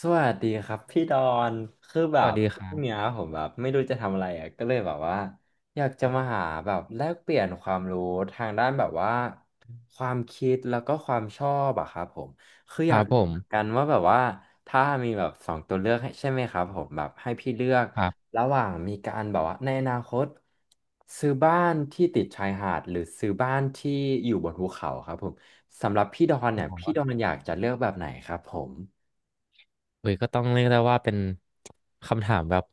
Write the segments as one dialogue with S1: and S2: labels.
S1: สวัสดีครับพี่ดอนคือแบ
S2: สวั
S1: บ
S2: สดีค
S1: พ
S2: รั
S1: รุ่งเนี้ย
S2: บ
S1: ผมแบบไม่รู้จะทำอะไรอ่ะก็เลยแบบว่าอยากจะมาหาแบบแลกเปลี่ยนความรู้ทางด้านแบบว่าความคิดแล้วก็ความชอบอะครับผมคือ
S2: ค
S1: อ
S2: รั
S1: ยาก
S2: บผ
S1: รู้เหมือนกั
S2: ม
S1: นว่าแบบว่าถ้ามีแบบสองตัวเลือกให้ใช่ไหมครับผมแบบให้พี่เลือก
S2: ครับ
S1: ระหว่างมีการแบบว่าในอนาคตซื้อบ้านที่ติดชายหาดหรือซื้อบ้านที่อยู่บนภูเขาครับผมสำหรับพี่ดอน
S2: โอ้
S1: เนี่ย
S2: โห
S1: พี่ดอนอยากจะเลือกแบบไหนครับผม
S2: เฮ้ยก็ต้องเรียกได้ว่าเป็นคำถามแบบ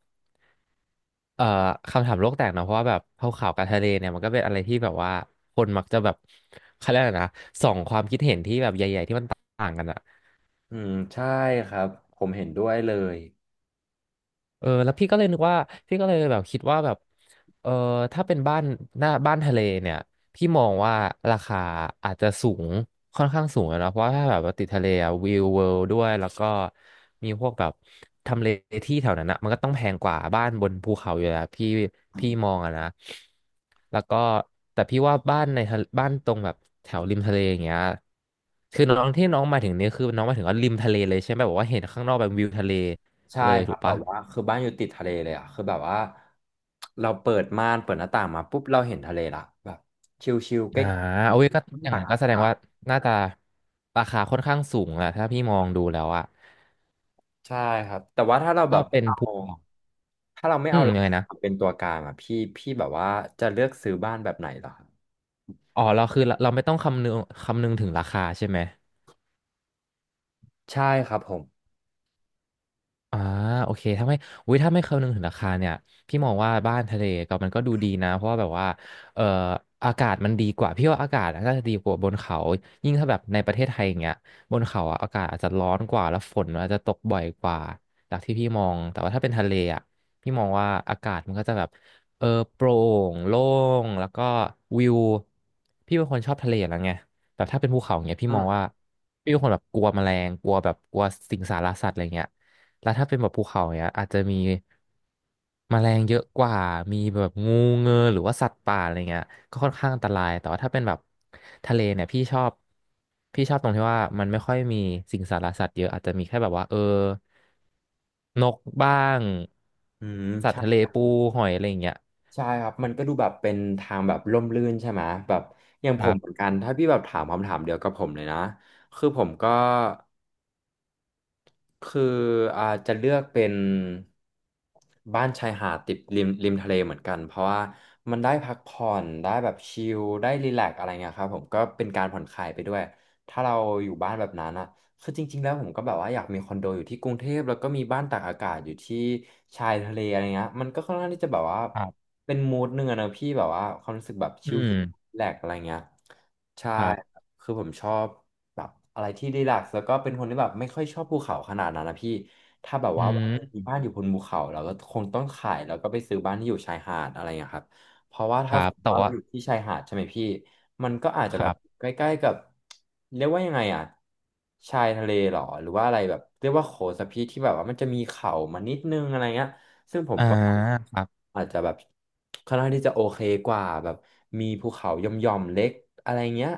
S2: เอ่อคำถามโลกแตกเนอะเพราะว่าแบบภูเขากับทะเลเนี่ยมันก็เป็นอะไรที่แบบว่าคนมักจะแบบเขาเรียกอะไรนะสองความคิดเห็นที่แบบใหญ่ๆที่มันต่างกันอะ
S1: อืมใช่ครับผมเห็นด้วยเลย
S2: เออแล้วพี่ก็เลยนึกว่าพี่ก็เลยแบบคิดว่าแบบเออถ้าเป็นบ้านหน้าบ้านทะเลเนี่ยพี่มองว่าราคาอาจจะสูงค่อนข้างสูงอะเนาะเพราะว่าถ้าแบบว่าติดทะเลอะวิวเวิลด์ด้วยแล้วก็มีพวกแบบทำเลที่แถวนั้นอะมันก็ต้องแพงกว่าบ้านบนภูเขาอยู่แล้วพี่มองอะนะแล้วก็แต่พี่ว่าบ้านในทะเลบ้านตรงแบบแถวริมทะเลอย่างเงี้ยคือน้องที่น้องมาถึงนี่ยคือน้องมาถึงว่าริมทะเลเลยใช่ไหมแบบว่าเห็นข้างนอกแบบวิวทะเล
S1: ใช่
S2: เลย
S1: ครั
S2: ถู
S1: บ
S2: ก
S1: แบ
S2: ปะ
S1: บว่าคือบ้านอยู่ติดทะเลเลยอ่ะคือแบบว่าเราเปิดม่านเปิดหน้าต่างมาปุ๊บเราเห็นทะเลละแบบชิลๆใก
S2: อ่า
S1: ล้
S2: โอ้ยก็อ
S1: ๆ
S2: ย่าง
S1: ตาก
S2: นั้นก็
S1: อา
S2: แสดง
S1: กาศ
S2: ว่าน่าจะราคาค่อนข้างสูงอะถ้าพี่มองดูแล้วอะ
S1: ใช่ครับแต่ว่าถ้าเราแบ
S2: ถ้า
S1: บไม่
S2: เป็น
S1: เอา
S2: ภูเขา
S1: ถ้าเราไม่
S2: อื
S1: เอา
S2: ม
S1: หลั
S2: ยั
S1: ก
S2: งไงนะ
S1: เป็นตัวกลางอ่ะพี่แบบว่าจะเลือกซื้อบ้านแบบไหนเหรอครับ
S2: อ๋อ เราคือเราไม่ต้องคำนึงถึงราคาใช่ไหม
S1: ใช่ครับผม
S2: อ่าโอเคถ้าไม่อุ้ยถ้าไม่คำนึงถึงราคาเนี่ยพี่มองว่าบ้านทะเลก็มันก็ดูดีนะเพราะว่าแบบว่าเอ่ออากาศมันดีกว่าพี่ว่าอากาศน่าจะดีกว่าบนเขายิ่งถ้าแบบในประเทศไทยอย่างเงี้ยบนเขาอะอากาศอาจจะร้อนกว่าแล้วฝนอาจจะตกบ่อยกว่าจากที่พี่มองแต่ว่าถ้าเป็นทะเลอ่ะพี่มองว่าอากาศมันก็จะแบบเออโปร่งโล่งแล้วก็วิวพี่เป็นคนชอบทะเลอยู่แล้วไงแบบถ้าเป็นภูเขาอย่างเงี้ยพี่
S1: อื
S2: มอง
S1: ม
S2: ว่าพี่เป็นคนแบบกลัวแมลงกลัวแบบกลัวสิงสารสัตว์อะไรเงี้ย แล้วถ้าเป็นแบบภูเขาเนี้ยอาจจะมีแมลงเยอะกว่ามีแบบงูเงือหรือว่าสัตว์ป่าอะไรเงี้ยก็ค่อนข้างอันตรายแต่ว่าถ้าเป็นแบบทะเลเนี่ยพี่ชอบตรงที่ว่ามันไม่ค่อยมีสิ่งสารสัตว์เยอะอาจจะมีแค่แบบว่าเออนกบ้าง
S1: อืม
S2: สัตว์ทะเลปูหอยอะไรอย่างเงี้ย
S1: ใช่ครับ มันก็ดูแบบเป็นทางแบบร่มรื่นใช่ไหมแบบอย่าง
S2: ค
S1: ผ
S2: รั
S1: มเหมือน
S2: บ
S1: กัน ถ้าพี่แบบถามคำถามเดียวกับผมเลยนะ คือผมก็คือจะเลือกเป็นบ้านชายหาดติดริมทะเลเหมือนกัน เพราะว่ามันได้พักผ่อนได้แบบชิลได้รีแลกซ์อะไรเงี้ยครับผมก็เป็นการผ่อนคลายไปด้วย ถ้าเราอยู่บ้านแบบนั้นอะ คือจริงๆ แล้วผมก็แบบว่าอยากมีคอนโดอยู่ที่กรุงเทพแล้วก็มีบ้านตากอากาศอยู่ที่ชายทะเลอะไรเงี้ยมันก็ค่อนข้างที่จะแบบว่า
S2: ครับ
S1: เป็นมูดหนึ่งอะนะพี่แบบว่าความรู้สึกแบบ
S2: อื
S1: ชิล
S2: ม
S1: แลกอะไรเงี้ยใช่
S2: ครับ
S1: คือผมชอบแบบอะไรที่รีแลกซ์แล้วก็เป็นคนที่แบบไม่ค่อยชอบภูเขาขนาดนั้นนะพี่ถ้าแบบ
S2: อื
S1: ว่าวันห
S2: ม
S1: นึ่งมีบ้านอยู่บนภูเขาเราก็คงต้องขายแล้วก็ไปซื้อบ้านที่อยู่ชายหาดอะไรเงี้ยครับ เพราะว่า
S2: ค
S1: ถ้า
S2: รั
S1: ส
S2: บ
S1: มม
S2: แต่
S1: ติว่าเรา
S2: ว่า
S1: อยู่ที่ชายหาดใช่ไหมพี่มันก็อาจจะ
S2: ค
S1: แบบ
S2: รับ
S1: ใกล้ๆกับเรียกว่ายังไงอ่ะชายทะเลหรอหรือว่าอะไรแบบเรียกว่าโขสพีที่แบบว่ามันจะมีเขามานิดนึงอะไรเงี้ยซึ่งผม
S2: อ่า
S1: ก็
S2: ครับ
S1: อาจจะแบบค่อนข้างที่จะโอเคกว่าแบบมีภูเขาหย่อมๆเล็กอะไรเงี้ย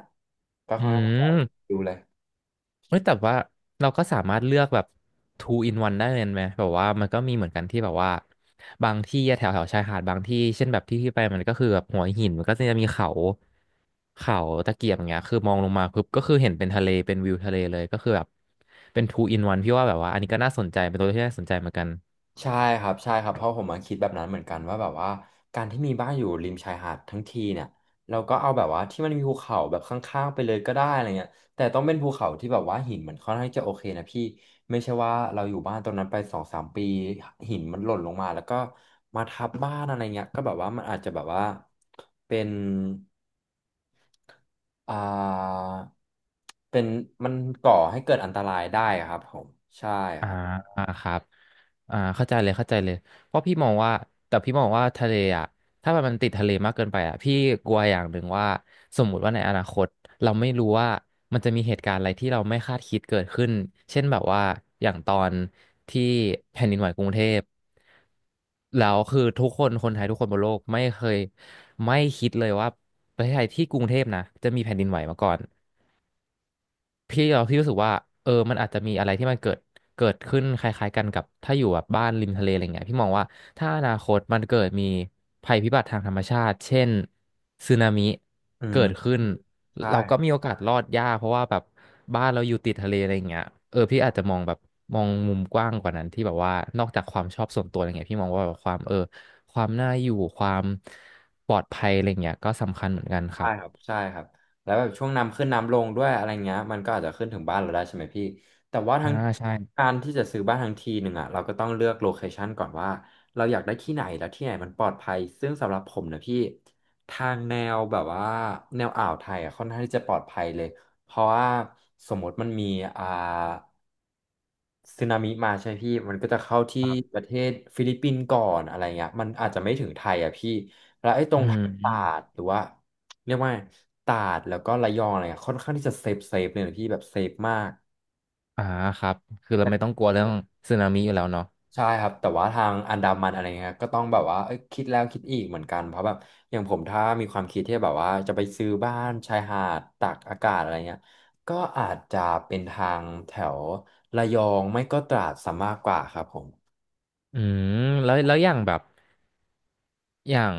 S1: ก็
S2: อื
S1: ค่อนข้างที่จะ
S2: ม
S1: ดูเลย
S2: เฮ้ยแต่ว่าเราก็สามารถเลือกแบบ two in one ได้เลยไหมแบบว่ามันก็มีเหมือนกันที่แบบว่าบางที่แถวแถวชายหาดบางที่เช่นแบบที่ที่ไปมันก็คือแบบหัวหินมันก็จะมีเขาเขาตะเกียบอย่างเงี้ยคือมองลงมาปุ๊บก็คือเห็นเป็นทะเลเป็นวิวทะเลเลยก็คือแบบเป็น two in one พี่ว่าแบบว่าอันนี้ก็น่าสนใจเป็นตัวเลือกที่น่าสนใจเหมือนกัน
S1: ใช่ครับใช่ครับเพราะผมมาคิดแบบนั้นเหมือนกันว่าแบบว่าการที่มีบ้านอยู่ริมชายหาดทั้งทีเนี่ยเราก็เอาแบบว่าที่มันมีภูเขาแบบข้างๆไปเลยก็ได้อะไรเงี้ยแต่ต้องเป็นภูเขาที่แบบว่าหินมันค่อนข้างจะโอเคนะพี่ไม่ใช่ว่าเราอยู่บ้านตรงนั้นไปสองสามปีหินมันหล่นลงมาแล้วก็มาทับบ้านอะไรเงี้ยก็แบบว่ามันอาจจะแบบว่าเป็นอ่าเป็นมันก่อให้เกิดอันตรายได้ครับผมใช่ค
S2: อ่า
S1: รับ
S2: ครับ อ่าเข้าใจเลยเข้าใจเลยเพราะพี่มองว่าแต่พี่มองว่าทะเลอ่ะถ้ามันติดทะเลมากเกินไปอ่ะพี่กลัวอย่างหนึ่งว่าสมมุติว่าในอนาคตเราไม่รู้ว่ามันจะมีเหตุการณ์อะไรที่เราไม่คาดคิดเกิดขึ้นเช่นแบบว่าอย่างตอนที่แผ่นดินไหวกรุงเทพแล้วคือทุกคนคนไทยทุกคนบนโลกไม่เคยไม่คิดเลยว่าประเทศไทยที่กรุงเทพนะจะมีแผ่นดินไหวมาก่อน พี่เราพี่รู้สึกว่าเออมันอาจจะมีอะไรที่มันเกิดขึ้นคล้ายๆกันกับถ้าอยู่แบบบ้านริมทะเลอะไรเงี้ยพี่มองว่าถ้าอนาคตมันเกิดมีภัยพิบัติทางธรรมชาติเช่นสึนามิ
S1: อื
S2: เกิ
S1: ม
S2: ดขึ้น
S1: ใช่
S2: เราก็มีโอกาสรอดยากเพราะว่าแบบบ้านเราอยู่ติดทะเลอะไรเงี้ยเออพี่อาจจะมองแบบมองมุมกว้างกว่านั้นที่แบบว่านอกจากความชอบส่วนตัวอะไรเงี้ยพี่มองว่าแบบความเออความน่าอยู่ความปลอดภัยอะไรเงี้ยก็สำคัญเหมือนกันค
S1: ใช่
S2: รับ
S1: ครับใช่ครับแล้วแบบช่วงน้ำขึ้นน้ำลงด้วยอะไรเงี้ยมันก็อาจจะขึ้นถึงบ้านเราได้ใช่ไหมพี่แต่ว่า
S2: อ่า
S1: ทั้ง
S2: ใช่
S1: การที่จะซื้อบ้านทั้งทีหนึ่งอ่ะเราก็ต้องเลือกโลเคชันก่อนว่าเราอยากได้ที่ไหนแล้วที่ไหนมันปลอดภัยซึ่งสำหรับผมนะพี่ทางแนวแบบว่าแนวอ่าวไทยอ่ะค่อนข้างที่จะปลอดภัยเลยเพราะว่าสมมติมันมีอ่า สึนามิมาใช่พี่มันก็จะเข้าที่
S2: ครั
S1: ป
S2: บ
S1: ระเทศฟิลิปปินส์ก่อนอะไรเงี้ยมันอาจจะไม่ถึงไทยอ่ะพี่แล้วไอ้ตร
S2: อื
S1: งทางตรา
S2: ม
S1: ดหรือว่าเรียกว่าตราดแล้วก็ระยองอะไรเงี้ยค่อนข้างที่จะเซฟเลยนะพี่แบบเซฟมาก
S2: อ่าครับคือเราไม่ต้องกลัวเรื่องสึนามิอยู่แล้วเนาะ
S1: ใช่ครับแต่ว่าทางอันดามันอะไรเงี้ยก็ต้องแบบว่าเอ้ยคิดแล้วคิดอีกเหมือนกันเพราะแบบอย่างผมถ้ามีความคิดที่แบบว่าจะไปซื้อบ้านชายหาดตากอากาศอะไรเงี้ยก็อาจจะเป็นทางแถวระยองไม่ก็ตราดซะมากกว่าครับผม
S2: อืมแล้วอย่างแบบอย่าง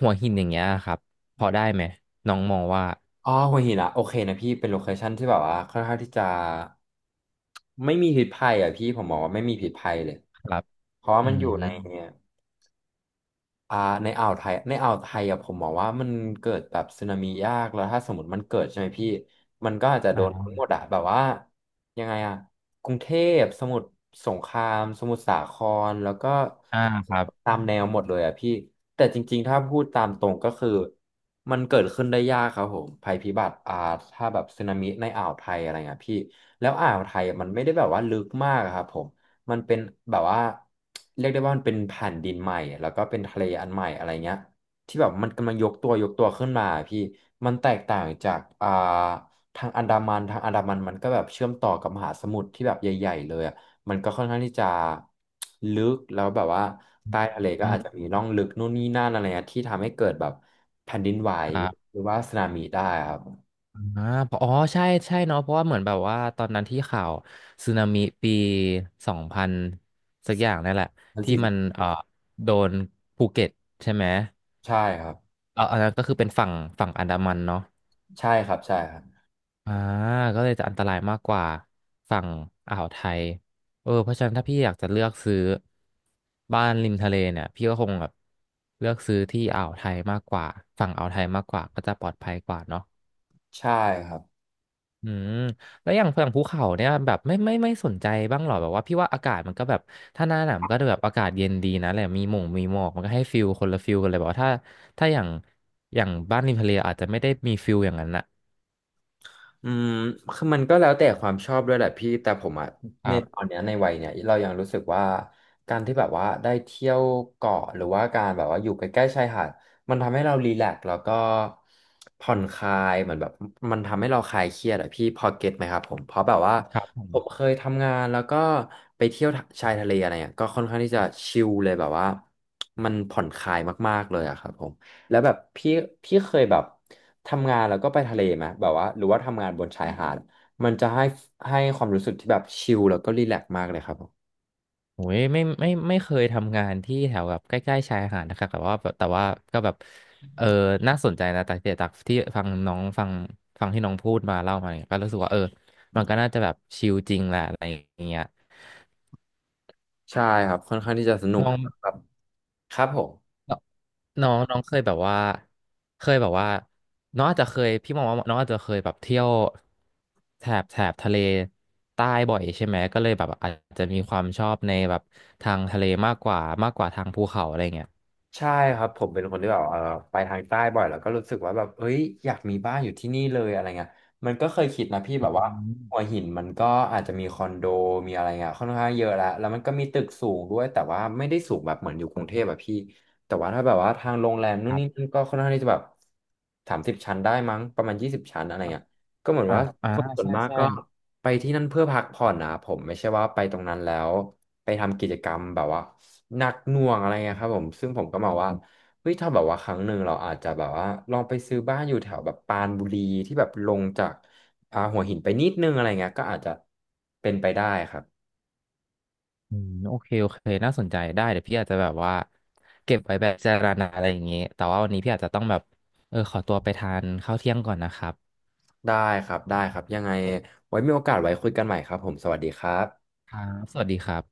S2: หัวหินอย่างเงี้ยครับพอได้ไหม น้องมองว่า
S1: อ๋อหัวหินอะโอเคนะพี่เป็นโลเคชั่นที่แบบว่าค่อนข้างที่จะไม่มีพิษภัยอ่ะพี่ผมบอกว่าไม่มีพิษภัยเลย
S2: ครับ
S1: เพราะว่า
S2: อื
S1: มันอยู่ใน
S2: ม
S1: เนี่ย อ่าในอ่าวไทยในอ่าวไทยอะผมบอกว่ามันเกิดแบบสึนามิยากแล้วถ้าสมมติมันเกิดใช่ไหมพี่มันก็อาจจะโดนทั้
S2: อ่า
S1: งหมดอะแบบว่ายังไงอะกรุงเทพสมุทรสงครามสมุทรสาครแล้วก็
S2: อ่าครับ
S1: ตามแนวหมดเลยอะพี่แต่จริงๆถ้าพูดตามตรงก็คือมันเกิดขึ้นได้ยากครับผมภัยพิบัติถ้าแบบสึนามิในอ่าวไทยอะไรเงี้ยพี่แล้วอ่าวไทยอะมันไม่ได้แบบว่าลึกมากอะครับผม มันเป็นแบบว่าเรียกได้ว่ามันเป็นแผ่นดินใหม่แล้วก็เป็นทะเลอันใหม่อะไรเงี้ยที่แบบมันกำลังยกตัวยกตัวขึ้นมาพี่มันแตกต่างจากทางอันดามันทางอันดามันมันก็แบบเชื่อมต่อกับมหาสมุทรที่แบบใหญ่ๆเลยอะมันก็ค่อนข้างที่จะลึกแล้วแบบว่าใต้ทะเลก็
S2: อื
S1: อาจจะ
S2: ม
S1: มีร่องลึกนู่นนี่นั่นอะไรเงี้ยที่ทำให้เกิดแบบแผ่นดินไหว
S2: ครั
S1: ห
S2: บ
S1: รือว่าสึนามิได้ครับ
S2: อ่าเพราะอ๋อใช่ใช่เนาะเพราะว่าเหมือนแบบว่าตอนนั้นที่ข่าวสึนามิปีสองพันสักอย่างนั่นแหละ
S1: มัน
S2: ที่มัน
S1: สิ
S2: โดนภูเก็ตใช่ไหม
S1: ใช่ครับ
S2: เอออันนั้นก็คือเป็นฝั่งอันดามันเนาะ
S1: ใช่ครับใช่ครับ
S2: อ่าก็เลยจะอันตรายมากกว่าฝั่งอ่าวไทยเออเพราะฉะนั้นถ้าพี่อยากจะเลือกซื้อบ้านริมทะเลเนี่ยพี่ก็คงแบบเลือกซื้อที่อ่าวไทยมากกว่าฝั่งอ่าวไทยมากกว่าก็จะปลอดภัยกว่าเนาะ
S1: ใช่ครับ
S2: อืมแล้วอย่างฝั่งภูเขาเนี่ยแบบไม่สนใจบ้างหรอแบบว่าพี่ว่าอากาศมันก็แบบถ้าหน้าหนาวมันก็แบบอากาศเย็นดีนะแหละมีหมงมีหมอกมันก็ให้ฟิลคนละฟิลกันเลยแบบว่าถ้าอย่างบ้านริมทะเลอาจจะไม่ได้มีฟิลอย่างนั้นนะ
S1: อืมคือมันก็แล้วแต่ความชอบด้วยแหละพี่แต่ผมอะ
S2: ค
S1: ใน
S2: รั
S1: ตอ
S2: บ
S1: นเนี้ยในวัยเนี้ยเรายังรู้สึกว่าการที่แบบว่าได้เที่ยวเกาะหรือว่าการแบบว่าอยู่ใกล้ๆชายหาดมันทำให้เรารีแลกซ์แล้วก็ผ่อนคลายเหมือนแบบมันทำให้เราคลายเครียดอะพี่พอเก็ตไหมครับผมเพราะแบบว่า
S2: ครับผ
S1: ผม
S2: ม
S1: เคยทำงานแล้วก็ไปเที่ยวชายทะเลอะไรเงี้ยก็ค่อนข้างที่จะชิลเลยแบบว่ามันผ่อนคลายมากๆเลยอะครับผมแล้วแบบพี่เคยแบบ ทำงานแล้วก็ไปทะเลไหมแบบว่าหรือว่าทำงานบนชายหาด มันจะให้ให้ความรู้สึกที่แบบชิลแล้วก็รีแลกซ์มากเลยครับผม
S2: โอ้ยไม่เคยทำงานที่แถวแบบใกล้ๆชายหาดนะครับแต่ว่าแบบแต่ว่าก็แบบเออน่าสนใจนะแต่เดี๋ยวจากที่ฟังน้องฟังที่น้องพูดมาเล่ามาเนี่ยก็รู้สึกว่าเออมันก็น่าจะแบบชิลจริงแหละอะไรอย่างเงี้ย
S1: ใช่ครับค่อนข้างที่จะสนุก
S2: น้อง
S1: ครับครับผม
S2: น้องน้องเคยแบบว่าเคยแบบว่าน้องอาจจะเคยพี่มองว่าน้องอาจจะเคยแบบเที่ยวแถบทะเลใต้บ่อยใช่ไหมก็เลยแบบอาจจะมีความชอบในแบบทางทะเลมากกว่าทางภูเขาอะไรเงี้ย
S1: ใช่ครับผมเป็นคนที่แบบไปทางใต้บ่อยแล้วก็รู้สึกว่าแบบเฮ้ยอยากมีบ้านอยู่ที่นี่เลยอะไรเงี้ยมันก็เคยคิดนะพี่แบ
S2: อื
S1: บว่าหัว
S2: ม
S1: หินมันก็อาจจะมีคอนโดมีอะไรเงี้ยค่อนข้างเยอะแล้วแล้วมันก็มีตึกสูงด้วยแต่ว่าไม่ได้สูงแบบเหมือนอยู่กรุงเทพแบบพี่แต่ว่าถ้าแบบว่าทางโรงแรมนู่นนี่นั่นก็ค่อนข้างที่จะแบบ30 ชั้นได้มั้งประมาณ20 ชั้นอะไรเงี้ยก็เหมือน
S2: อ่า
S1: ว่า
S2: อ่า
S1: คนส่วน
S2: ใช่
S1: มาก
S2: ใช่
S1: ก็ ไปที่นั่นเพื่อพักผ่อนนะผมไม่ใช่ว่าไปตรงนั้นแล้วไปทำกิจกรรมแบบว่าหนักหน่วงอะไรเงี้ยครับผมซึ่งผมก็มองว่าเฮ้ยถ้าแบบว่าครั้งหนึ่งเราอาจจะแบบว่าลองไปซื้อบ้านอยู่แถวแบบปรานบุรีที่แบบลงจากหัวหินไปนิดนึงอะไรเงี้ยก็อาจจะเป็นไปได้ครับ
S2: อืมโอเคโอเค น่าสนใจได้เดี๋ยวพี่อาจจะแบบว่าเก็บไว้แบบเจารณาอะไรอย่างงี้แต่ว่าวันนี้พี่อาจจะต้องแบบเออขอตัวไปทานข้าวเที่ยงก่อนนะครับ
S1: ได้ครับได้ครับยังไงไว้มีโอกาสไว้คุยกันใหม่ครับผมสวัสดีครับ
S2: ครับสวัสดีครับ